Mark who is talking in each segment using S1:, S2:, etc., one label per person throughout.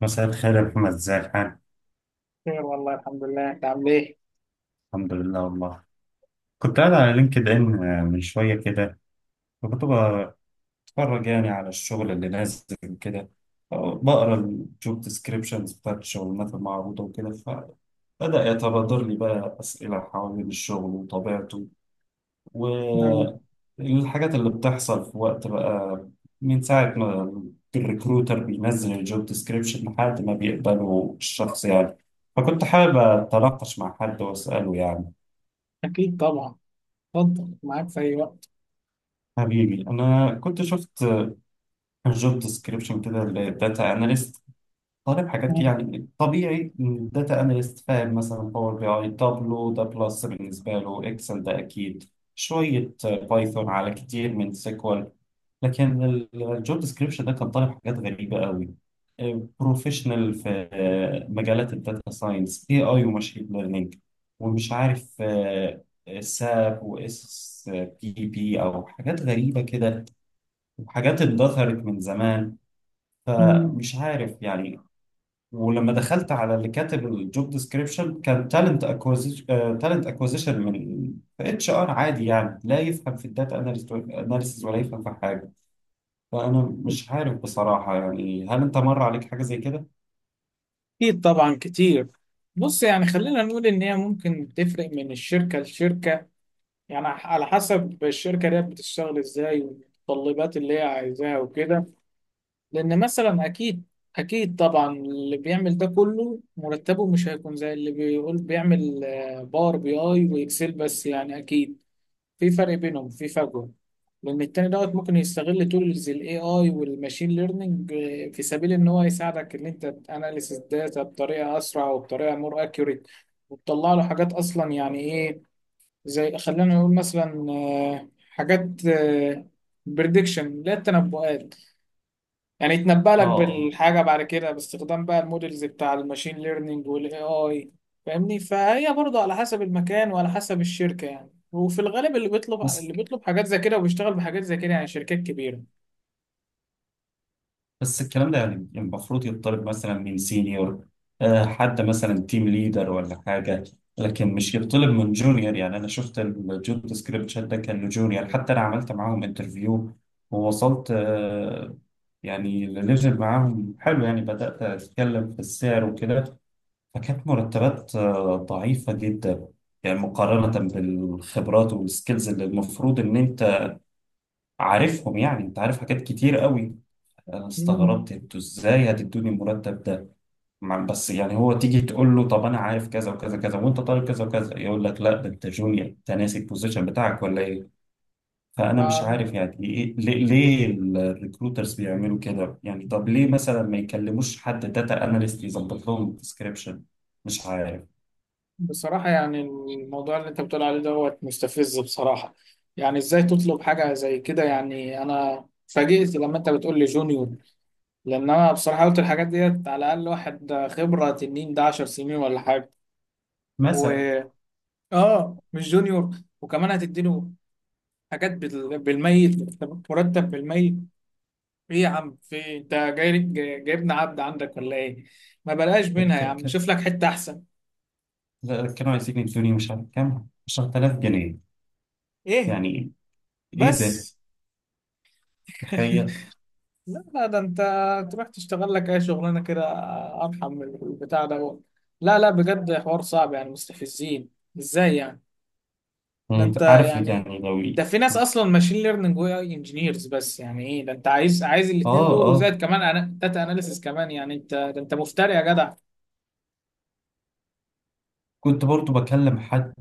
S1: مساء الخير يا محمد، ازي الحال؟
S2: خير والله، الحمد لله، انت عامل ايه؟
S1: الحمد لله والله. كنت قاعد على لينكد ان من شوية كده، فكنت بتفرج يعني على الشغل اللي نازل كده، بقرا الجوب ديسكريبشنز بتاعت الشغلانات المعروضة وكده. فبدأ يتبادر لي بقى أسئلة حوالين الشغل وطبيعته
S2: مم.
S1: والحاجات اللي بتحصل في وقت بقى من ساعة ما الريكروتر بينزل الجوب ديسكريبشن لحد ما بيقبله الشخص يعني. فكنت حابب أتناقش مع حد وأسأله يعني.
S2: اكيد طبعا، اتفضل معاك في اي وقت.
S1: حبيبي انا كنت شفت جوب ديسكريبشن كده للداتا اناليست، طالب حاجات كده،
S2: مم.
S1: يعني طبيعي الداتا اناليست فاهم مثلا باور بي اي، تابلو ده بلس، بالنسبه له اكسل ده اكيد، شويه بايثون على كتير من سيكوال. لكن الجوب ديسكريبشن ده كان طالب حاجات غريبه قوي، بروفيشنال في مجالات الداتا ساينس، اي اي وماشين ليرنينج، ومش عارف ساب واس بي بي او، حاجات غريبه كده وحاجات اتدثرت من زمان،
S2: مم.
S1: فمش عارف يعني. ولما دخلت على اللي كاتب الجوب ديسكريبشن كان تالنت اكوزيشن من اتش ار عادي يعني، لا يفهم في الداتا اناليسيز ولا يفهم في حاجه. فانا مش عارف بصراحه يعني، هل انت مر عليك حاجه زي كده؟
S2: اكيد طبعا كتير. بص يعني خلينا نقول ان هي ممكن تفرق من الشركه لشركه، يعني على حسب الشركه دي بتشتغل ازاي والمتطلبات اللي هي عايزاها وكده. لان مثلا اكيد اكيد طبعا اللي بيعمل ده كله مرتبه مش هيكون زي اللي بيقول بيعمل باور بي اي واكسل بس، يعني اكيد في فرق بينهم، في فجوه. لان التاني دوت ممكن يستغل تولز الاي اي والماشين ليرنينج في سبيل ان هو يساعدك ان انت تاناليس الداتا بطريقه اسرع وبطريقه مور اكيوريت، وتطلع له حاجات اصلا يعني ايه، زي خلينا نقول مثلا حاجات بريدكشن، لا التنبؤات، يعني يتنبأ
S1: اه
S2: لك
S1: آه.
S2: بالحاجة بعد كده باستخدام بقى المودلز بتاع الماشين ليرنينج والاي اي. فاهمني؟ فهي برضه على حسب المكان وعلى حسب الشركة يعني، وفي الغالب اللي بيطلب
S1: بس
S2: اللي بيطلب حاجات زي كده وبيشتغل بحاجات زي كده، يعني شركات كبيرة.
S1: بس الكلام ده يعني المفروض يطلب مثلا من سينيور، حد مثلا تيم ليدر ولا حاجة. لكن مش يطلب من جونيور، يعني أنا شفت الجوب ديسكريبشن ده كان لجونيور. حتى أنا عملت معاهم انترفيو ووصلت يعني لليفل معاهم حلو، يعني بدأت أتكلم في السعر وكده. فكانت مرتبات ضعيفة جدا، يعني مقارنة بالخبرات والسكيلز اللي المفروض إن أنت عارفهم. يعني أنت عارف حاجات كتير قوي، انا
S2: مم.
S1: استغربت انتوا ازاي هتدوني المرتب ده. بس يعني هو تيجي تقول له طب انا عارف كذا وكذا كذا وانت طالب كذا وكذا، يقول لك لا ده انت جونيور، انت ناسي البوزيشن بتاعك ولا ايه. فانا مش
S2: ما-
S1: عارف يعني ايه، ليه الريكروترز بيعملوا كده؟ يعني طب ليه مثلا ما يكلموش حد داتا اناليست يظبط لهم الديسكريبشن؟ مش عارف
S2: بصراحة يعني الموضوع اللي انت بتقول عليه دوت مستفز بصراحة. يعني ازاي تطلب حاجة زي كده؟ يعني انا فاجئت لما انت بتقول لي جونيور. لان انا بصراحة قلت الحاجات ديت على الاقل واحد خبرة تنين، ده 10 سنين ولا حاجة و...
S1: مثلا.
S2: اه مش جونيور. وكمان هتديله حاجات بالميت، مرتب بالميت. ايه يا عم؟ في انت جايبنا عبد عندك ولا ايه؟ ما بلاش منها يا
S1: ك-
S2: عم،
S1: ك-
S2: شوف لك حتة احسن.
S1: كانوا عايزين يدوني مش عارف كام 10000 جنيه.
S2: ايه
S1: يعني ايه ده؟
S2: بس.
S1: تخيل.
S2: لا لا ده انت تروح تشتغل لك اي شغلانه كده ارحم من البتاع ده. لا لا بجد حوار صعب يعني، مستفزين. ازاي يعني؟ ده
S1: انت
S2: انت
S1: عارف
S2: يعني،
S1: يعني لو
S2: ده في ناس اصلا ماشين ليرنينج واي انجينيرز بس، يعني ايه ده، انت عايز الاثنين
S1: اه
S2: دول
S1: اه
S2: وزائد كمان داتا اناليسيس كمان؟ يعني انت ده، انت مفتري يا جدع.
S1: كنت برضو بكلم حد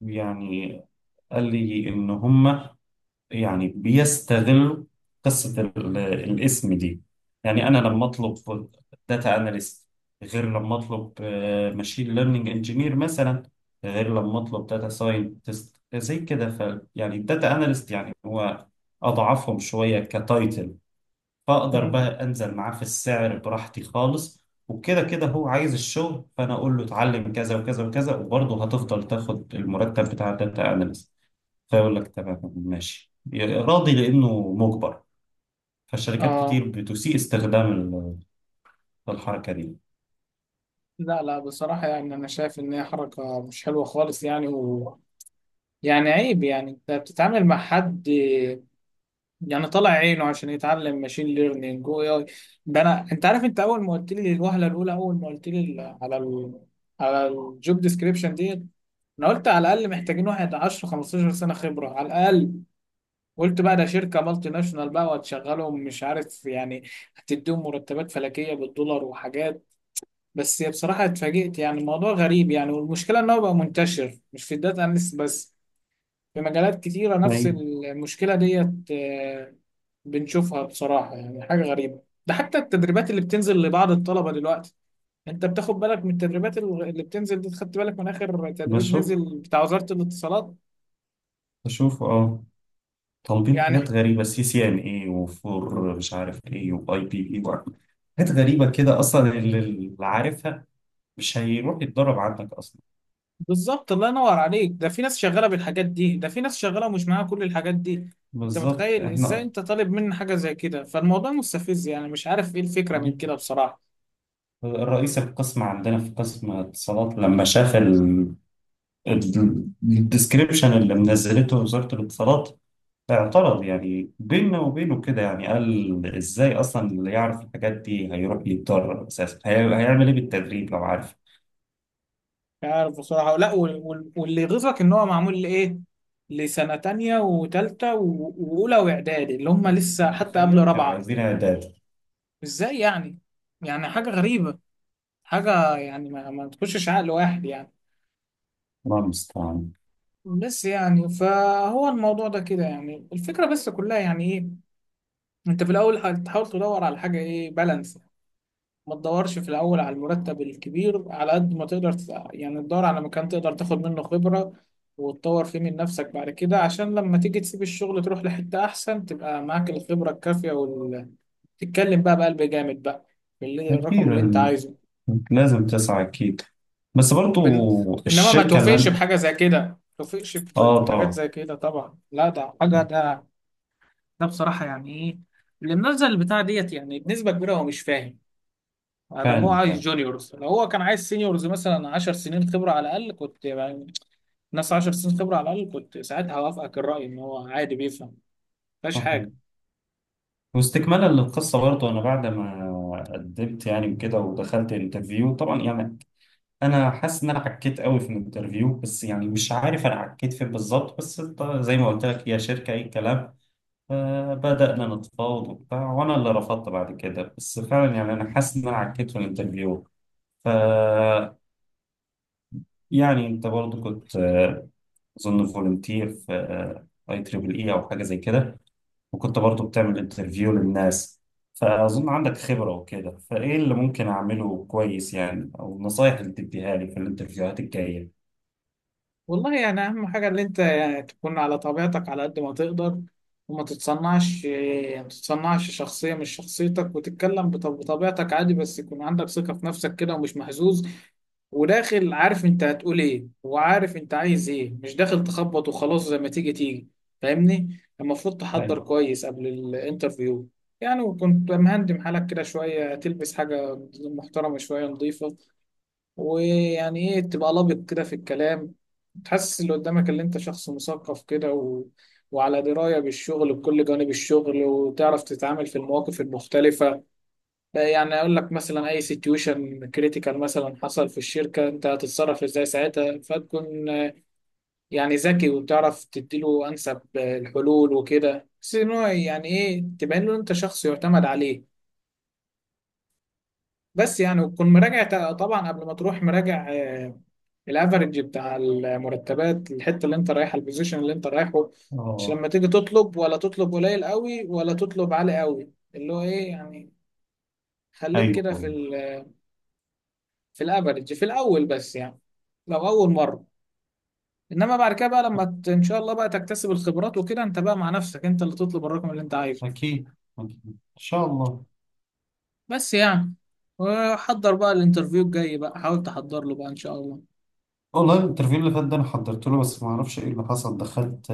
S1: يعني، قال لي إن هما يعني بيستغلوا قصة الاسم دي. يعني أنا لما أطلب داتا أناليست غير لما أطلب ماشين ليرنينج انجينير مثلا، غير لما أطلب داتا ساينتست زي كده. ف يعني الداتا أناليست يعني هو أضعفهم شوية كتايتل، فاقدر
S2: مم.
S1: بقى انزل معاه في السعر براحتي خالص، وكده كده هو عايز الشغل فانا اقول له اتعلم كذا وكذا وكذا، وبرضه هتفضل تاخد المرتب بتاع الداتا اناليست. فيقول لك تمام ماشي، راضي لانه مجبر. فالشركات
S2: اه.
S1: كتير بتسيء استخدام الحركه دي.
S2: لا لا بصراحة يعني انا شايف ان هي حركة مش حلوة خالص يعني يعني عيب، يعني انت بتتعامل مع حد يعني طالع عينه عشان يتعلم ماشين ليرنينج واي اي. ده انا، انت عارف، انت اول ما قلت لي الوهله الاولى، اول ما قلت لي على الجوب ديسكريبشن ديت، انا قلت على الاقل محتاجين واحد 10 15 سنه خبره على الاقل. قلت بقى ده شركه مالتي ناشونال بقى وهتشغلهم مش عارف يعني هتديهم مرتبات فلكيه بالدولار وحاجات، بس بصراحه اتفاجئت يعني. الموضوع غريب يعني، والمشكله ان هو بقى منتشر مش في الداتا اناليست بس، في مجالات كتيرة نفس
S1: ايوه.
S2: المشكلة ديت بنشوفها بصراحة. يعني حاجة غريبة، ده حتى التدريبات اللي بتنزل لبعض الطلبة دلوقتي. انت بتاخد بالك من التدريبات اللي بتنزل دي؟ خدت بالك من اخر تدريب
S1: بشوف
S2: نزل بتاع وزارة الاتصالات؟
S1: بشوف طالبين
S2: يعني
S1: حاجات غريبه، سي سي ان اي وفور مش عارف ايه واي بي بي، حاجات غريبه كده، اصلا اللي عارفها مش هيروح يتدرب عندك اصلا.
S2: بالظبط، الله ينور عليك، ده في ناس شغالة بالحاجات دي، ده في ناس شغالة ومش معاها كل الحاجات دي. انت
S1: بالظبط،
S2: متخيل ازاي
S1: احنا
S2: انت طالب مني حاجة زي كده؟ فالموضوع مستفز يعني، مش عارف ايه الفكرة من
S1: جدا.
S2: كده بصراحة.
S1: الرئيس القسم عندنا في قسم الاتصالات لما شاف الديسكريبشن اللي منزلته وزارة الاتصالات اعترض. يعني بيننا وبينه كده، يعني قال ازاي اصلا اللي يعرف الحاجات دي هيروح يتدرب؟ اساسا هيعمل ايه بالتدريب لو عارف؟
S2: مش عارف بصراحة. لا واللي يغيظك ان هو معمول لإيه؟ لسنة تانية وتالتة وأولى وإعدادي اللي هم
S1: قلت
S2: لسه
S1: كان
S2: حتى قبل
S1: تخيل كانوا
S2: رابعة.
S1: عايزين اعداد.
S2: إزاي يعني؟ يعني حاجة غريبة، حاجة يعني ما تخشش عقل واحد يعني.
S1: الله المستعان.
S2: بس يعني فهو الموضوع ده كده يعني. الفكرة بس كلها يعني إيه، أنت في الأول هتحاول تدور على حاجة إيه، بالانس. ما تدورش في الأول على المرتب الكبير، على قد ما تقدر يعني تدور على مكان تقدر تاخد منه خبرة وتطور فيه من نفسك، بعد كده عشان لما تيجي تسيب الشغل تروح لحتة أحسن تبقى معاك الخبرة الكافية تتكلم بقى بقلب جامد بقى الرقم
S1: اكيد
S2: اللي أنت عايزه.
S1: لازم تسعى اكيد. بس برضو
S2: بن... إنما ما
S1: الشركة اللي
S2: توافقش
S1: أنا-
S2: بحاجة زي كده، ما توافقش
S1: اه
S2: بحاجات
S1: طبعا.
S2: زي كده طبعا. لا ده حاجة ده، ده بصراحة يعني إيه، اللي منزل البتاع ديت يعني بنسبة كبيرة هو مش فاهم ادم. هو
S1: فعلا.
S2: عايز جونيورز، لو هو كان عايز سينيورز مثلا 10 سنين خبره على الاقل، كنت يعني ناس 10 سنين خبره على الاقل، كنت ساعتها هوافقك الراي ان هو عادي بيفهم، مفيهاش حاجه.
S1: فعلا. واستكمالا للقصة برضه، أنا بعد ما قدمت يعني كده ودخلت انترفيو طبعا، يعني أنا حاسس إن أنا عكيت قوي في الانترفيو، بس يعني مش عارف أنا عكيت فين بالظبط. بس إنت زي ما قلت لك هي شركة أي كلام. فبدأنا نتفاوض وبتاع، وأنا اللي رفضت بعد كده. بس فعلا يعني أنا حاسس إن أنا عكيت في الانترفيو. ف يعني أنت برضه كنت أظن فولunteer في أي تريبل إي أو حاجة زي كده، وكنت برضو بتعمل انترفيو للناس. فأظن عندك خبرة وكده، فإيه اللي ممكن أعمله كويس يعني؟ أو النصايح اللي تديها لي في الانترفيوهات الجاية؟
S2: والله يعني اهم حاجه ان انت يعني تكون على طبيعتك على قد ما تقدر، وما تتصنعش. ما تتصنعش شخصيه مش شخصيتك، وتتكلم بطبيعتك عادي، بس يكون عندك ثقه في نفسك كده ومش مهزوز، وداخل عارف انت هتقول ايه وعارف انت عايز ايه، مش داخل تخبط وخلاص زي ما تيجي تيجي. فاهمني؟ المفروض تحضر
S1: ايوه.
S2: كويس قبل الانترفيو يعني. وكنت مهندم حالك كده شوية، تلبس حاجة محترمة شوية نظيفة، ويعني ايه، تبقى لابق كده في الكلام، تحسس اللي قدامك اللي انت شخص مثقف كده وعلى دراية بالشغل بكل جوانب الشغل، وتعرف تتعامل في المواقف المختلفة. يعني اقول لك مثلا اي سيتويشن كريتيكال مثلا حصل في الشركه انت هتتصرف ازاي ساعتها، فتكون يعني ذكي، وتعرف تديله انسب الحلول وكده. بس ان هو يعني ايه، تبين له انت شخص يعتمد عليه. بس يعني وتكون مراجع طبعا قبل ما تروح، مراجع الافرج بتاع المرتبات، الحته اللي انت رايحها، البوزيشن اللي انت رايحه. مش
S1: اه
S2: لما تيجي تطلب ولا تطلب قليل قوي ولا تطلب عالي قوي، اللي هو ايه يعني، خليك
S1: ايوه
S2: كده في
S1: أيوة.
S2: ال في الافرج في الاول بس، يعني لو اول مره. انما بعد كده بقى ان شاء الله بقى تكتسب الخبرات وكده، انت بقى مع نفسك، انت اللي تطلب الرقم اللي انت عايزه.
S1: اكيد اكيد ان شاء الله.
S2: بس يعني وحضر بقى الانترفيو الجاي بقى، حاول تحضر له بقى ان شاء الله.
S1: والله الانترفيو اللي فات ده انا حضرت له، بس ما اعرفش ايه اللي حصل، دخلت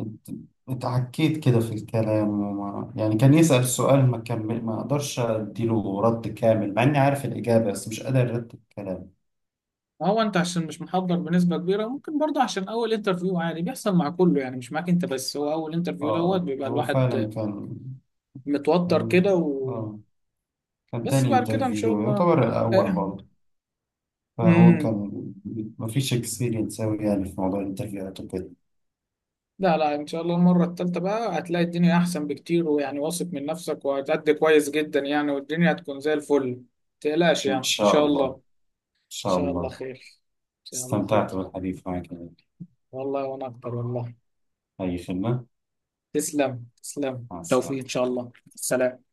S1: ات- اتعكيت كده في الكلام، وما يعني كان يسأل سؤال ما كمل، ما اقدرش اديله رد كامل مع اني عارف الاجابة، بس مش قادر ارد الكلام.
S2: ما هو انت عشان مش محضر بنسبه كبيره، ممكن برضه عشان اول انترفيو عادي بيحصل مع كله يعني، مش معاك انت بس، هو اول
S1: اه
S2: انترفيو دوت
S1: آه.
S2: بيبقى
S1: هو
S2: الواحد
S1: فعلا
S2: متوتر كده
S1: كان- اه كان
S2: بس
S1: تاني
S2: بعد كده ان شاء
S1: انترفيو
S2: الله.
S1: يعتبر الأول
S2: آه.
S1: برضه. فهو
S2: مم.
S1: كان مفيش اكسبيرينس أوي يعني في موضوع الانترفيوهات وكده.
S2: لا لا ان شاء الله المره الثالثه بقى هتلاقي الدنيا احسن بكتير، ويعني واثق من نفسك وهتأدي كويس جدا يعني، والدنيا هتكون زي الفل. متقلقش
S1: إن
S2: يعني، ان
S1: شاء
S2: شاء الله،
S1: الله إن
S2: ان
S1: شاء
S2: شاء الله
S1: الله.
S2: خير، ان شاء الله
S1: استمتعت
S2: خير.
S1: بالحديث معك يا غالي.
S2: والله وانا اكتر والله.
S1: أي خدمة.
S2: تسلم تسلم،
S1: مع
S2: توفيق
S1: السلامة
S2: ان شاء الله، سلام.